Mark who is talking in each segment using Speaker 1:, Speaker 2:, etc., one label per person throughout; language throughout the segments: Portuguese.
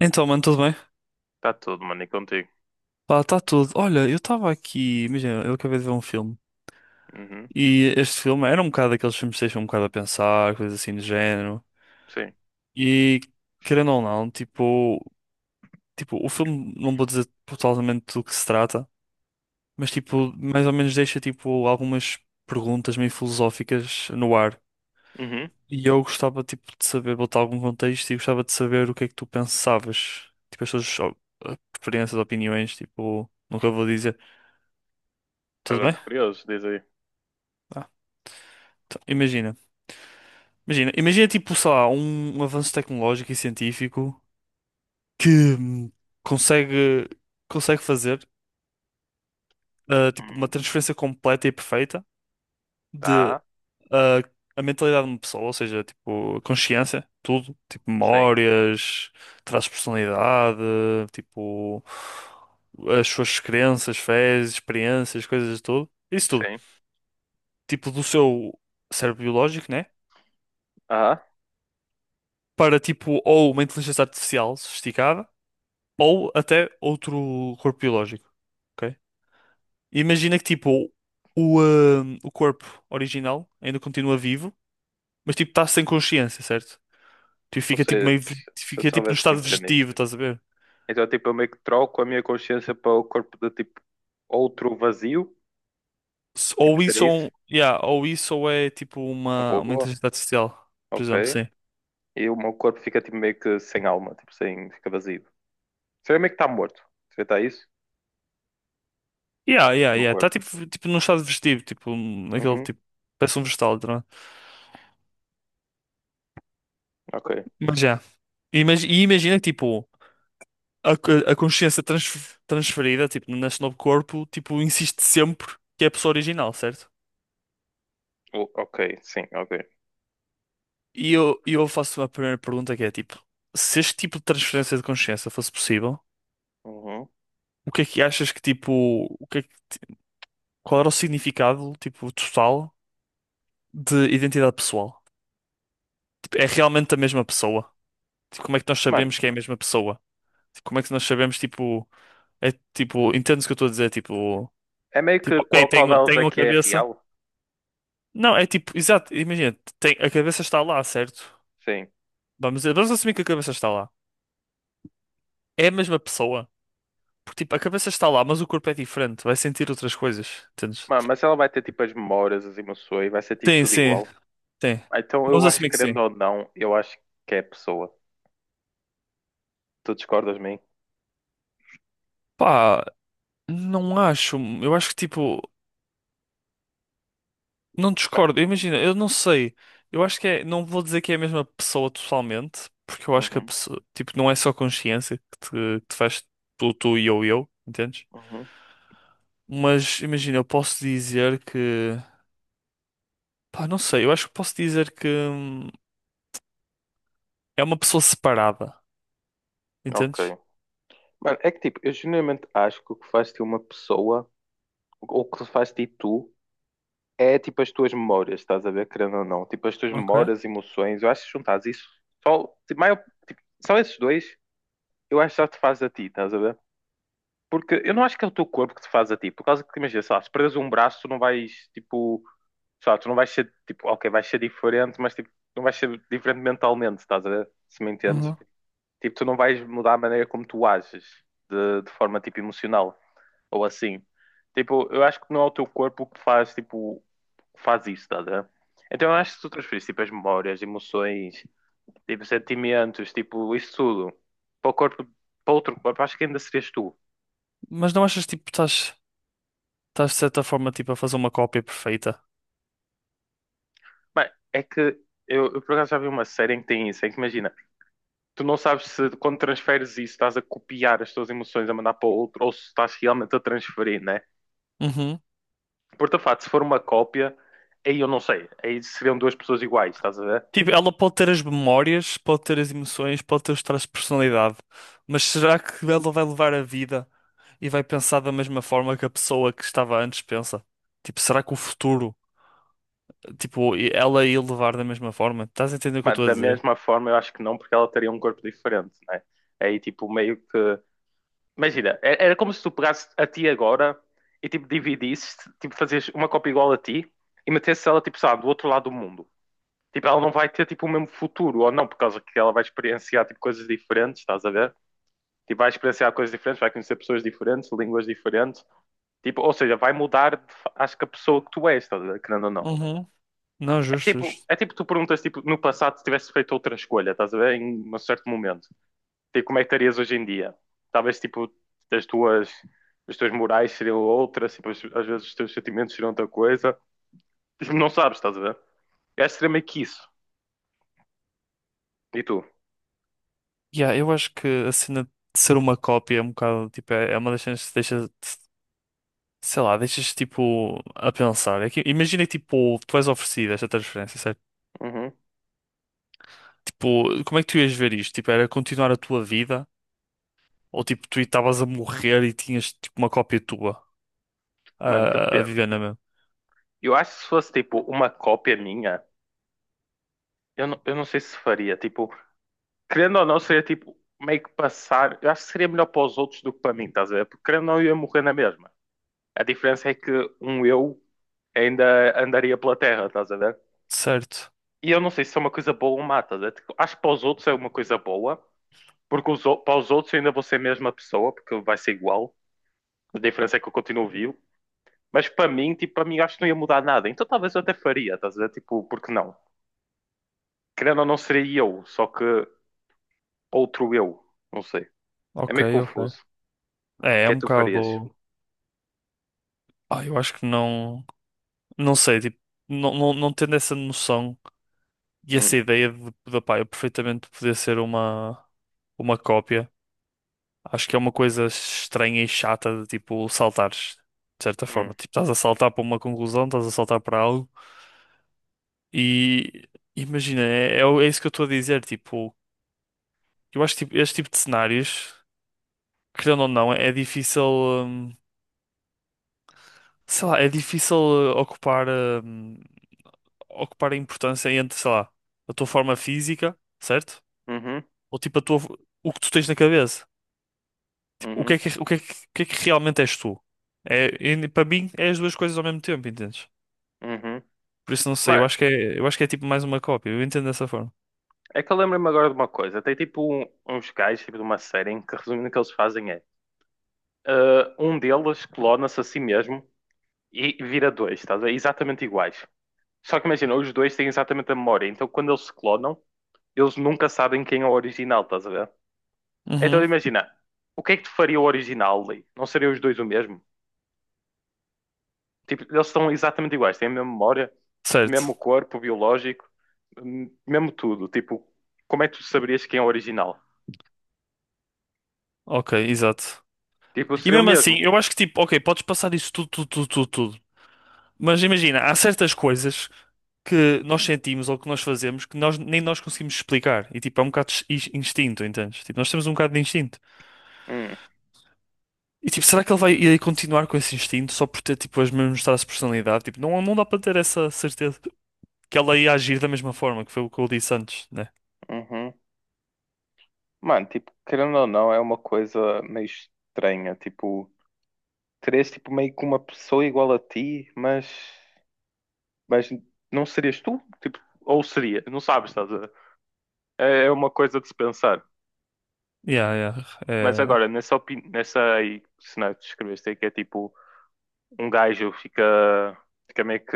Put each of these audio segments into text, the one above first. Speaker 1: Então, mano, tudo bem?
Speaker 2: Está tudo, mano, e contigo?
Speaker 1: Pá, está tudo. Olha, eu estava aqui, imagina, eu acabei de ver um filme.
Speaker 2: Uhum,
Speaker 1: E este filme era um bocado daqueles filmes que deixam um bocado a pensar, coisas assim do género.
Speaker 2: sim.
Speaker 1: E, querendo ou não, tipo, o filme, não vou dizer totalmente do que se trata, mas, tipo, mais ou menos deixa, tipo, algumas perguntas meio filosóficas no ar.
Speaker 2: Uhum.
Speaker 1: E eu gostava, tipo, de saber, botar algum contexto e gostava de saber o que é que tu pensavas. Tipo, as tuas ó, preferências, opiniões, tipo, nunca vou dizer. Tudo
Speaker 2: Agora
Speaker 1: bem?
Speaker 2: estou curioso, diz aí.
Speaker 1: Então, imagina, imagina tipo, sei lá, um avanço tecnológico e científico que hum, consegue, consegue fazer tipo, uma
Speaker 2: Uhum.
Speaker 1: transferência completa e perfeita de
Speaker 2: Tá,
Speaker 1: ah, a mentalidade de uma pessoa, ou seja, tipo, a consciência, tudo, tipo,
Speaker 2: sim,
Speaker 1: memórias, traços de personalidade, tipo, as suas crenças, fés, experiências, coisas de tudo, isso tudo,
Speaker 2: sim.
Speaker 1: tipo, do seu cérebro biológico, né?
Speaker 2: Ah,
Speaker 1: Para tipo, ou uma inteligência artificial sofisticada, ou até outro corpo biológico. Ok? Imagina que tipo o corpo original ainda continua vivo, mas tipo está sem consciência, certo? Tipo,
Speaker 2: ou
Speaker 1: fica tipo
Speaker 2: seja, se eu
Speaker 1: fica tipo no
Speaker 2: soubesse
Speaker 1: estado
Speaker 2: entender.
Speaker 1: vegetativo, estás a ver?
Speaker 2: Então, tipo, eu meio que troco a minha consciência para o corpo de, tipo, outro vazio. Tipo,
Speaker 1: Ou
Speaker 2: seria
Speaker 1: isso
Speaker 2: isso?
Speaker 1: ou, yeah, ou isso ou é tipo
Speaker 2: Um
Speaker 1: uma
Speaker 2: robô?
Speaker 1: inteligência artificial, por exemplo,
Speaker 2: Ok.
Speaker 1: sim.
Speaker 2: E o meu corpo fica, tipo, meio que sem alma, tipo, sem, fica vazio. Seria meio que está morto. Seria tá isso?
Speaker 1: Yeah,
Speaker 2: O
Speaker 1: yeah,
Speaker 2: meu
Speaker 1: yeah. Está
Speaker 2: corpo.
Speaker 1: tipo, tipo num estado vegetativo, tipo, um, naquele
Speaker 2: Uhum,
Speaker 1: tipo, parece um vegetal, tá, não é?
Speaker 2: ok.
Speaker 1: Mas já. E imagina que tipo. a, a consciência transferida, tipo, nesse novo corpo, tipo, insiste sempre que é a pessoa original, certo?
Speaker 2: Ok, sim, ok.
Speaker 1: E eu faço a primeira pergunta que é, tipo, se este tipo de transferência de consciência fosse possível,
Speaker 2: Uhum.
Speaker 1: o que é que achas que, tipo, o que é que, qual era o significado, tipo, total de identidade pessoal? Tipo, é realmente a mesma pessoa? Tipo, como é que nós
Speaker 2: Mano,
Speaker 1: sabemos que é a mesma pessoa? Tipo, como é que nós sabemos, tipo, é, tipo, entendes o que eu estou a dizer? Tipo,
Speaker 2: é meio que
Speaker 1: ok,
Speaker 2: qual, qual delas é
Speaker 1: tenho a
Speaker 2: que é
Speaker 1: cabeça.
Speaker 2: real?
Speaker 1: Não, é tipo, exato, imagina, tem, a cabeça está lá, certo?
Speaker 2: Sim.
Speaker 1: Vamos assumir que a cabeça está lá. É a mesma pessoa. Porque, tipo, a cabeça está lá, mas o corpo é diferente. Vai sentir outras coisas, entendes?
Speaker 2: Mano, mas ela vai ter tipo as memórias, as emoções, vai ser tipo
Speaker 1: Tem,
Speaker 2: tudo
Speaker 1: sim,
Speaker 2: igual.
Speaker 1: tem.
Speaker 2: Ah, então eu
Speaker 1: Vamos
Speaker 2: acho
Speaker 1: assumir
Speaker 2: que,
Speaker 1: que
Speaker 2: querendo
Speaker 1: sim.
Speaker 2: ou não, eu acho que é a pessoa. Tu discordas de mim?
Speaker 1: Pá, não acho. Eu acho que, tipo, não discordo. Imagina, eu não sei. Eu acho que é, não vou dizer que é a mesma pessoa totalmente, porque eu acho que a
Speaker 2: Uhum,
Speaker 1: pessoa, tipo, não é só consciência que te faz tu, tu e eu, entendes?
Speaker 2: uhum,
Speaker 1: Mas, imagina, eu posso dizer que. Pá, não sei, eu acho que posso dizer que é uma pessoa separada, entendes?
Speaker 2: ok. Mano, é que tipo, eu genuinamente acho que o que faz de uma pessoa, ou o que faz de tu, é tipo as tuas memórias, estás a ver, querendo ou não. Tipo as tuas
Speaker 1: Ok.
Speaker 2: memórias, emoções, eu acho que juntares isso, só, tipo, maior, tipo, só esses dois, eu acho que já te faz a ti, estás a ver? Porque eu não acho que é o teu corpo que te faz a ti, por causa que, imagina, sei lá, se perdes um braço, tu não vais, tipo, sei lá, tu não vais ser tipo, ok, vais ser diferente, mas tipo, não vais ser diferente mentalmente, estás a ver? Se me entendes?
Speaker 1: Uhum.
Speaker 2: Tipo, tu não vais mudar a maneira como tu ages de forma tipo emocional ou assim. Tipo, eu acho que não é o teu corpo que faz tipo, que faz isso, estás a ver? Então eu acho que se tu transferires tipo as memórias, emoções, tipo sentimentos, tipo isso tudo para o corpo, para outro corpo, acho que ainda serias tu.
Speaker 1: Mas não achas tipo estás de certa forma tipo a fazer uma cópia perfeita?
Speaker 2: Mas é que eu por acaso já vi uma série em que tem isso, em que imagina tu não sabes se quando transferes isso estás a copiar as tuas emoções a mandar para o outro ou se estás realmente a transferir, né?
Speaker 1: Uhum.
Speaker 2: Porque, de facto, se for uma cópia, aí eu não sei. Aí seriam duas pessoas iguais, estás a ver?
Speaker 1: Tipo, ela pode ter as memórias, pode ter as emoções, pode ter os traços de personalidade, mas será que ela vai levar a vida e vai pensar da mesma forma que a pessoa que estava antes pensa? Tipo, será que o futuro, tipo, ela ia levar da mesma forma? Estás a entender o que eu
Speaker 2: Mas
Speaker 1: estou a
Speaker 2: da
Speaker 1: dizer?
Speaker 2: mesma forma eu acho que não, porque ela teria um corpo diferente, né? Aí tipo meio que. Imagina, era como se tu pegasses a ti agora e tipo dividisses, tipo fazias uma cópia igual a ti e metesses ela tipo, sabe, do outro lado do mundo. Tipo, ela não vai ter tipo o mesmo futuro, ou não, por causa que ela vai experienciar tipo coisas diferentes, estás a ver? Tipo, vai experienciar coisas diferentes, vai conhecer pessoas diferentes, línguas diferentes. Tipo, ou seja, vai mudar, acho que a pessoa que tu és, estás a ver? Querendo ou não.
Speaker 1: Uhum. Não, justo, justo.
Speaker 2: É tipo tu perguntas, tipo, no passado se tivesse feito outra escolha, estás a ver? Em um certo momento. Tipo, como é que estarias hoje em dia? Talvez, tipo, as tuas, as tuas morais seriam outras, tipo, às vezes os teus sentimentos seriam outra coisa. Tipo, não sabes, estás a ver? É extremamente isso. E tu?
Speaker 1: Yeah, eu acho que a cena de ser uma cópia é um bocado, tipo, é uma das cenas que deixa, sei lá, deixas, tipo, a pensar. É que, imagina, que, tipo, tu és oferecido esta transferência, certo?
Speaker 2: Uhum.
Speaker 1: Tipo, como é que tu ias ver isto? Tipo, era continuar a tua vida? Ou, tipo, tu estavas a morrer e tinhas, tipo, uma cópia tua
Speaker 2: Mano,
Speaker 1: a
Speaker 2: depende.
Speaker 1: viver na mesma?
Speaker 2: Eu acho que se fosse, tipo, uma cópia minha, eu não sei se faria. Tipo, querendo ou não, seria tipo meio que passar. Eu acho que seria melhor para os outros do que para mim, estás a ver? Porque querendo ou não, eu ia morrer na mesma. A diferença é que um eu ainda andaria pela terra, estás a ver?
Speaker 1: Certo.
Speaker 2: E eu não sei se é uma coisa boa ou má, estás a ver? Tipo, acho que para os outros é uma coisa boa, porque os, para os outros eu ainda vou ser a mesma pessoa, porque vai ser igual. A diferença é que eu continuo vivo. Mas para mim, tipo, para mim eu acho que não ia mudar nada. Então talvez eu até faria, estás a ver? Tipo, porque não? Querendo ou não, seria eu, só que outro eu. Não sei. É
Speaker 1: Ok,
Speaker 2: meio
Speaker 1: ok.
Speaker 2: confuso. O
Speaker 1: É, é
Speaker 2: que é
Speaker 1: um
Speaker 2: que tu farias?
Speaker 1: bocado. Ah, eu acho que não. Não sei, tipo, não tendo essa noção e essa ideia de pá, eu perfeitamente poder ser uma cópia, acho que é uma coisa estranha e chata de tipo saltares, de certa
Speaker 2: Hum,
Speaker 1: forma. Tipo, estás a saltar para uma conclusão, estás a saltar para algo e imagina, é isso que eu estou a dizer. Tipo, eu acho que tipo, este tipo de cenários, querendo ou não, é difícil, sei lá, é difícil ocupar. hum, Ocupar a importância entre, sei lá, a tua forma física, certo?
Speaker 2: Uhum,
Speaker 1: Ou tipo a tua, o que tu tens na cabeça. Tipo,
Speaker 2: uhum,
Speaker 1: o que é que realmente és tu? É, e para mim é as duas coisas ao mesmo tempo, entendes?
Speaker 2: uhum.
Speaker 1: Por isso não sei, eu
Speaker 2: Mas
Speaker 1: acho que é, eu acho que é tipo mais uma cópia, eu entendo dessa forma.
Speaker 2: é que eu lembro-me agora de uma coisa. Tem tipo uns gajos tipo, de uma série em que resumindo o que eles fazem é um deles clona-se a si mesmo e vira dois, estás a ver? Exatamente iguais. Só que imagina, os dois têm exatamente a memória, então quando eles se clonam, eles nunca sabem quem é o original, estás a ver? Então
Speaker 1: Uhum.
Speaker 2: imagina, o que é que te faria o original ali? Não seriam os dois o mesmo? Tipo, eles são exatamente iguais, têm a mesma memória, mesmo
Speaker 1: Certo.
Speaker 2: corpo biológico, mesmo tudo. Tipo, como é que tu saberias quem é o original?
Speaker 1: Ok, exato.
Speaker 2: Tipo,
Speaker 1: E
Speaker 2: seria o
Speaker 1: mesmo assim,
Speaker 2: mesmo.
Speaker 1: eu acho que tipo, ok, podes passar isso tudo. Mas imagina, há certas coisas que nós sentimos ou que nós fazemos que nós nem nós conseguimos explicar. E tipo, é um bocado de instinto, entendes? Tipo, nós temos um bocado de instinto.
Speaker 2: Hum,
Speaker 1: E tipo, será que ele vai ir continuar com esse instinto só por ter tipo as mesmas traços de personalidade? Tipo, não dá para ter essa certeza que ela ia agir da mesma forma, que foi o que eu disse antes, né?
Speaker 2: uhum. Mano, tipo, querendo ou não, é uma coisa meio estranha. Tipo, terias tipo meio que uma pessoa igual a ti, mas não serias tu? Tipo, ou seria? Não sabes, estás a ver? É uma coisa de se pensar.
Speaker 1: Yeah, yeah.
Speaker 2: Mas
Speaker 1: É.
Speaker 2: agora, nessa, nessa aí, cenário que descreveste aí, que é tipo. Um gajo fica, fica meio que,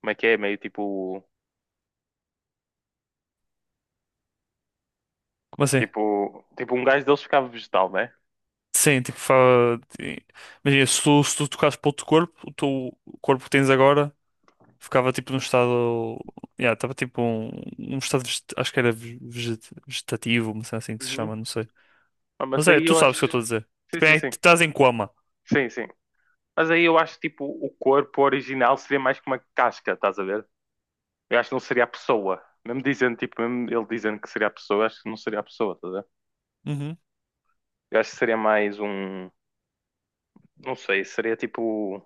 Speaker 2: como é que é? Meio tipo,
Speaker 1: Como assim?
Speaker 2: tipo, tipo um gajo deles ficava vegetal, né?
Speaker 1: Sim, tipo, fa. Imagina, se tu tocasses para outro corpo, o teu corpo que tens agora ficava tipo num estado. Yeah, estava tipo um, um estado, acho que era vegetativo, uma cena assim que se chama,
Speaker 2: Uhum.
Speaker 1: não sei.
Speaker 2: Ah, mas
Speaker 1: Mas é,
Speaker 2: aí
Speaker 1: tu
Speaker 2: eu
Speaker 1: sabes o que eu estou
Speaker 2: acho,
Speaker 1: a dizer.
Speaker 2: sim,
Speaker 1: Tipo,
Speaker 2: sim,
Speaker 1: é,
Speaker 2: sim,
Speaker 1: tu estás em coma.
Speaker 2: sim, sim. Mas aí eu acho tipo o corpo original seria mais que uma casca, estás a ver? Eu acho que não seria a pessoa. Mesmo dizendo, tipo, mesmo ele dizendo que seria a pessoa, eu acho que não seria a pessoa, estás a ver?
Speaker 1: Uhum.
Speaker 2: Eu acho que seria mais um, não sei, seria tipo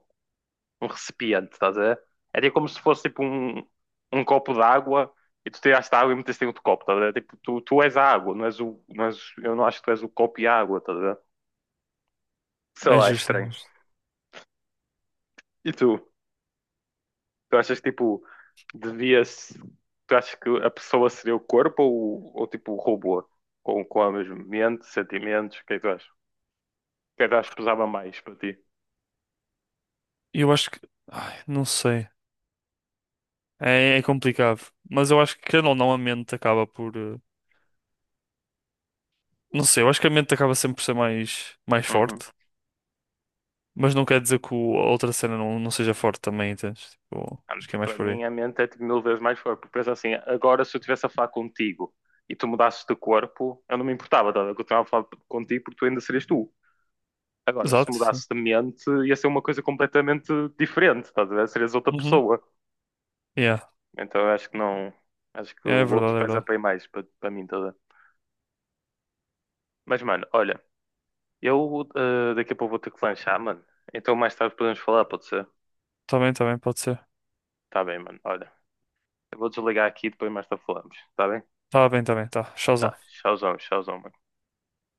Speaker 2: um recipiente, estás a ver? Era como se fosse tipo um, um copo de água e tu tiraste a água e meteste em outro copo, estás a ver? Tipo, tu és a água, não és o, não és, eu não acho que tu és o copo e a água, estás a ver? Sei
Speaker 1: É
Speaker 2: lá, é
Speaker 1: justo.
Speaker 2: estranho. E tu? Tu achas que tipo, devias. Tu achas que a pessoa seria o corpo ou tipo o robô? Com a mesma mente, sentimentos, o que é que tu achas? O que é que tu achas que pesava mais para ti?
Speaker 1: Eu acho que. Ai, não sei. É, é complicado. Mas eu acho que, querendo ou não, a mente acaba por. Não sei, eu acho que a mente acaba sempre por ser mais, mais
Speaker 2: Uhum.
Speaker 1: forte. Mas não quer dizer que a outra cena não seja forte também, entendes? Tipo, acho que é mais
Speaker 2: Para
Speaker 1: por aí.
Speaker 2: mim a mente é tipo, mil vezes mais forte. Porque pensa assim, agora se eu estivesse a falar contigo e tu mudasses de corpo, eu não me importava, tá? Eu continuava a falar contigo porque tu ainda serias tu. Agora, se
Speaker 1: Exato. Sim.
Speaker 2: mudasses de mente, ia ser uma coisa completamente diferente, estás. Serias outra
Speaker 1: Uhum.
Speaker 2: pessoa.
Speaker 1: Yeah.
Speaker 2: Então eu acho que não. Acho que
Speaker 1: Yeah, é
Speaker 2: o outro
Speaker 1: verdade, é
Speaker 2: pesa
Speaker 1: verdade.
Speaker 2: bem mais para mim, tá? Mas, mano, olha, eu daqui a pouco vou ter que lanchar, mano. Então mais tarde podemos falar, pode ser?
Speaker 1: Tá bem, pode ser.
Speaker 2: Tá bem, mano. Olha, eu vou desligar aqui e depois mais tarde falamos, tá bem?
Speaker 1: Tá bem, tá bem, tá.
Speaker 2: Tá,
Speaker 1: Showzão.
Speaker 2: tchauzão, tchauzão, mano.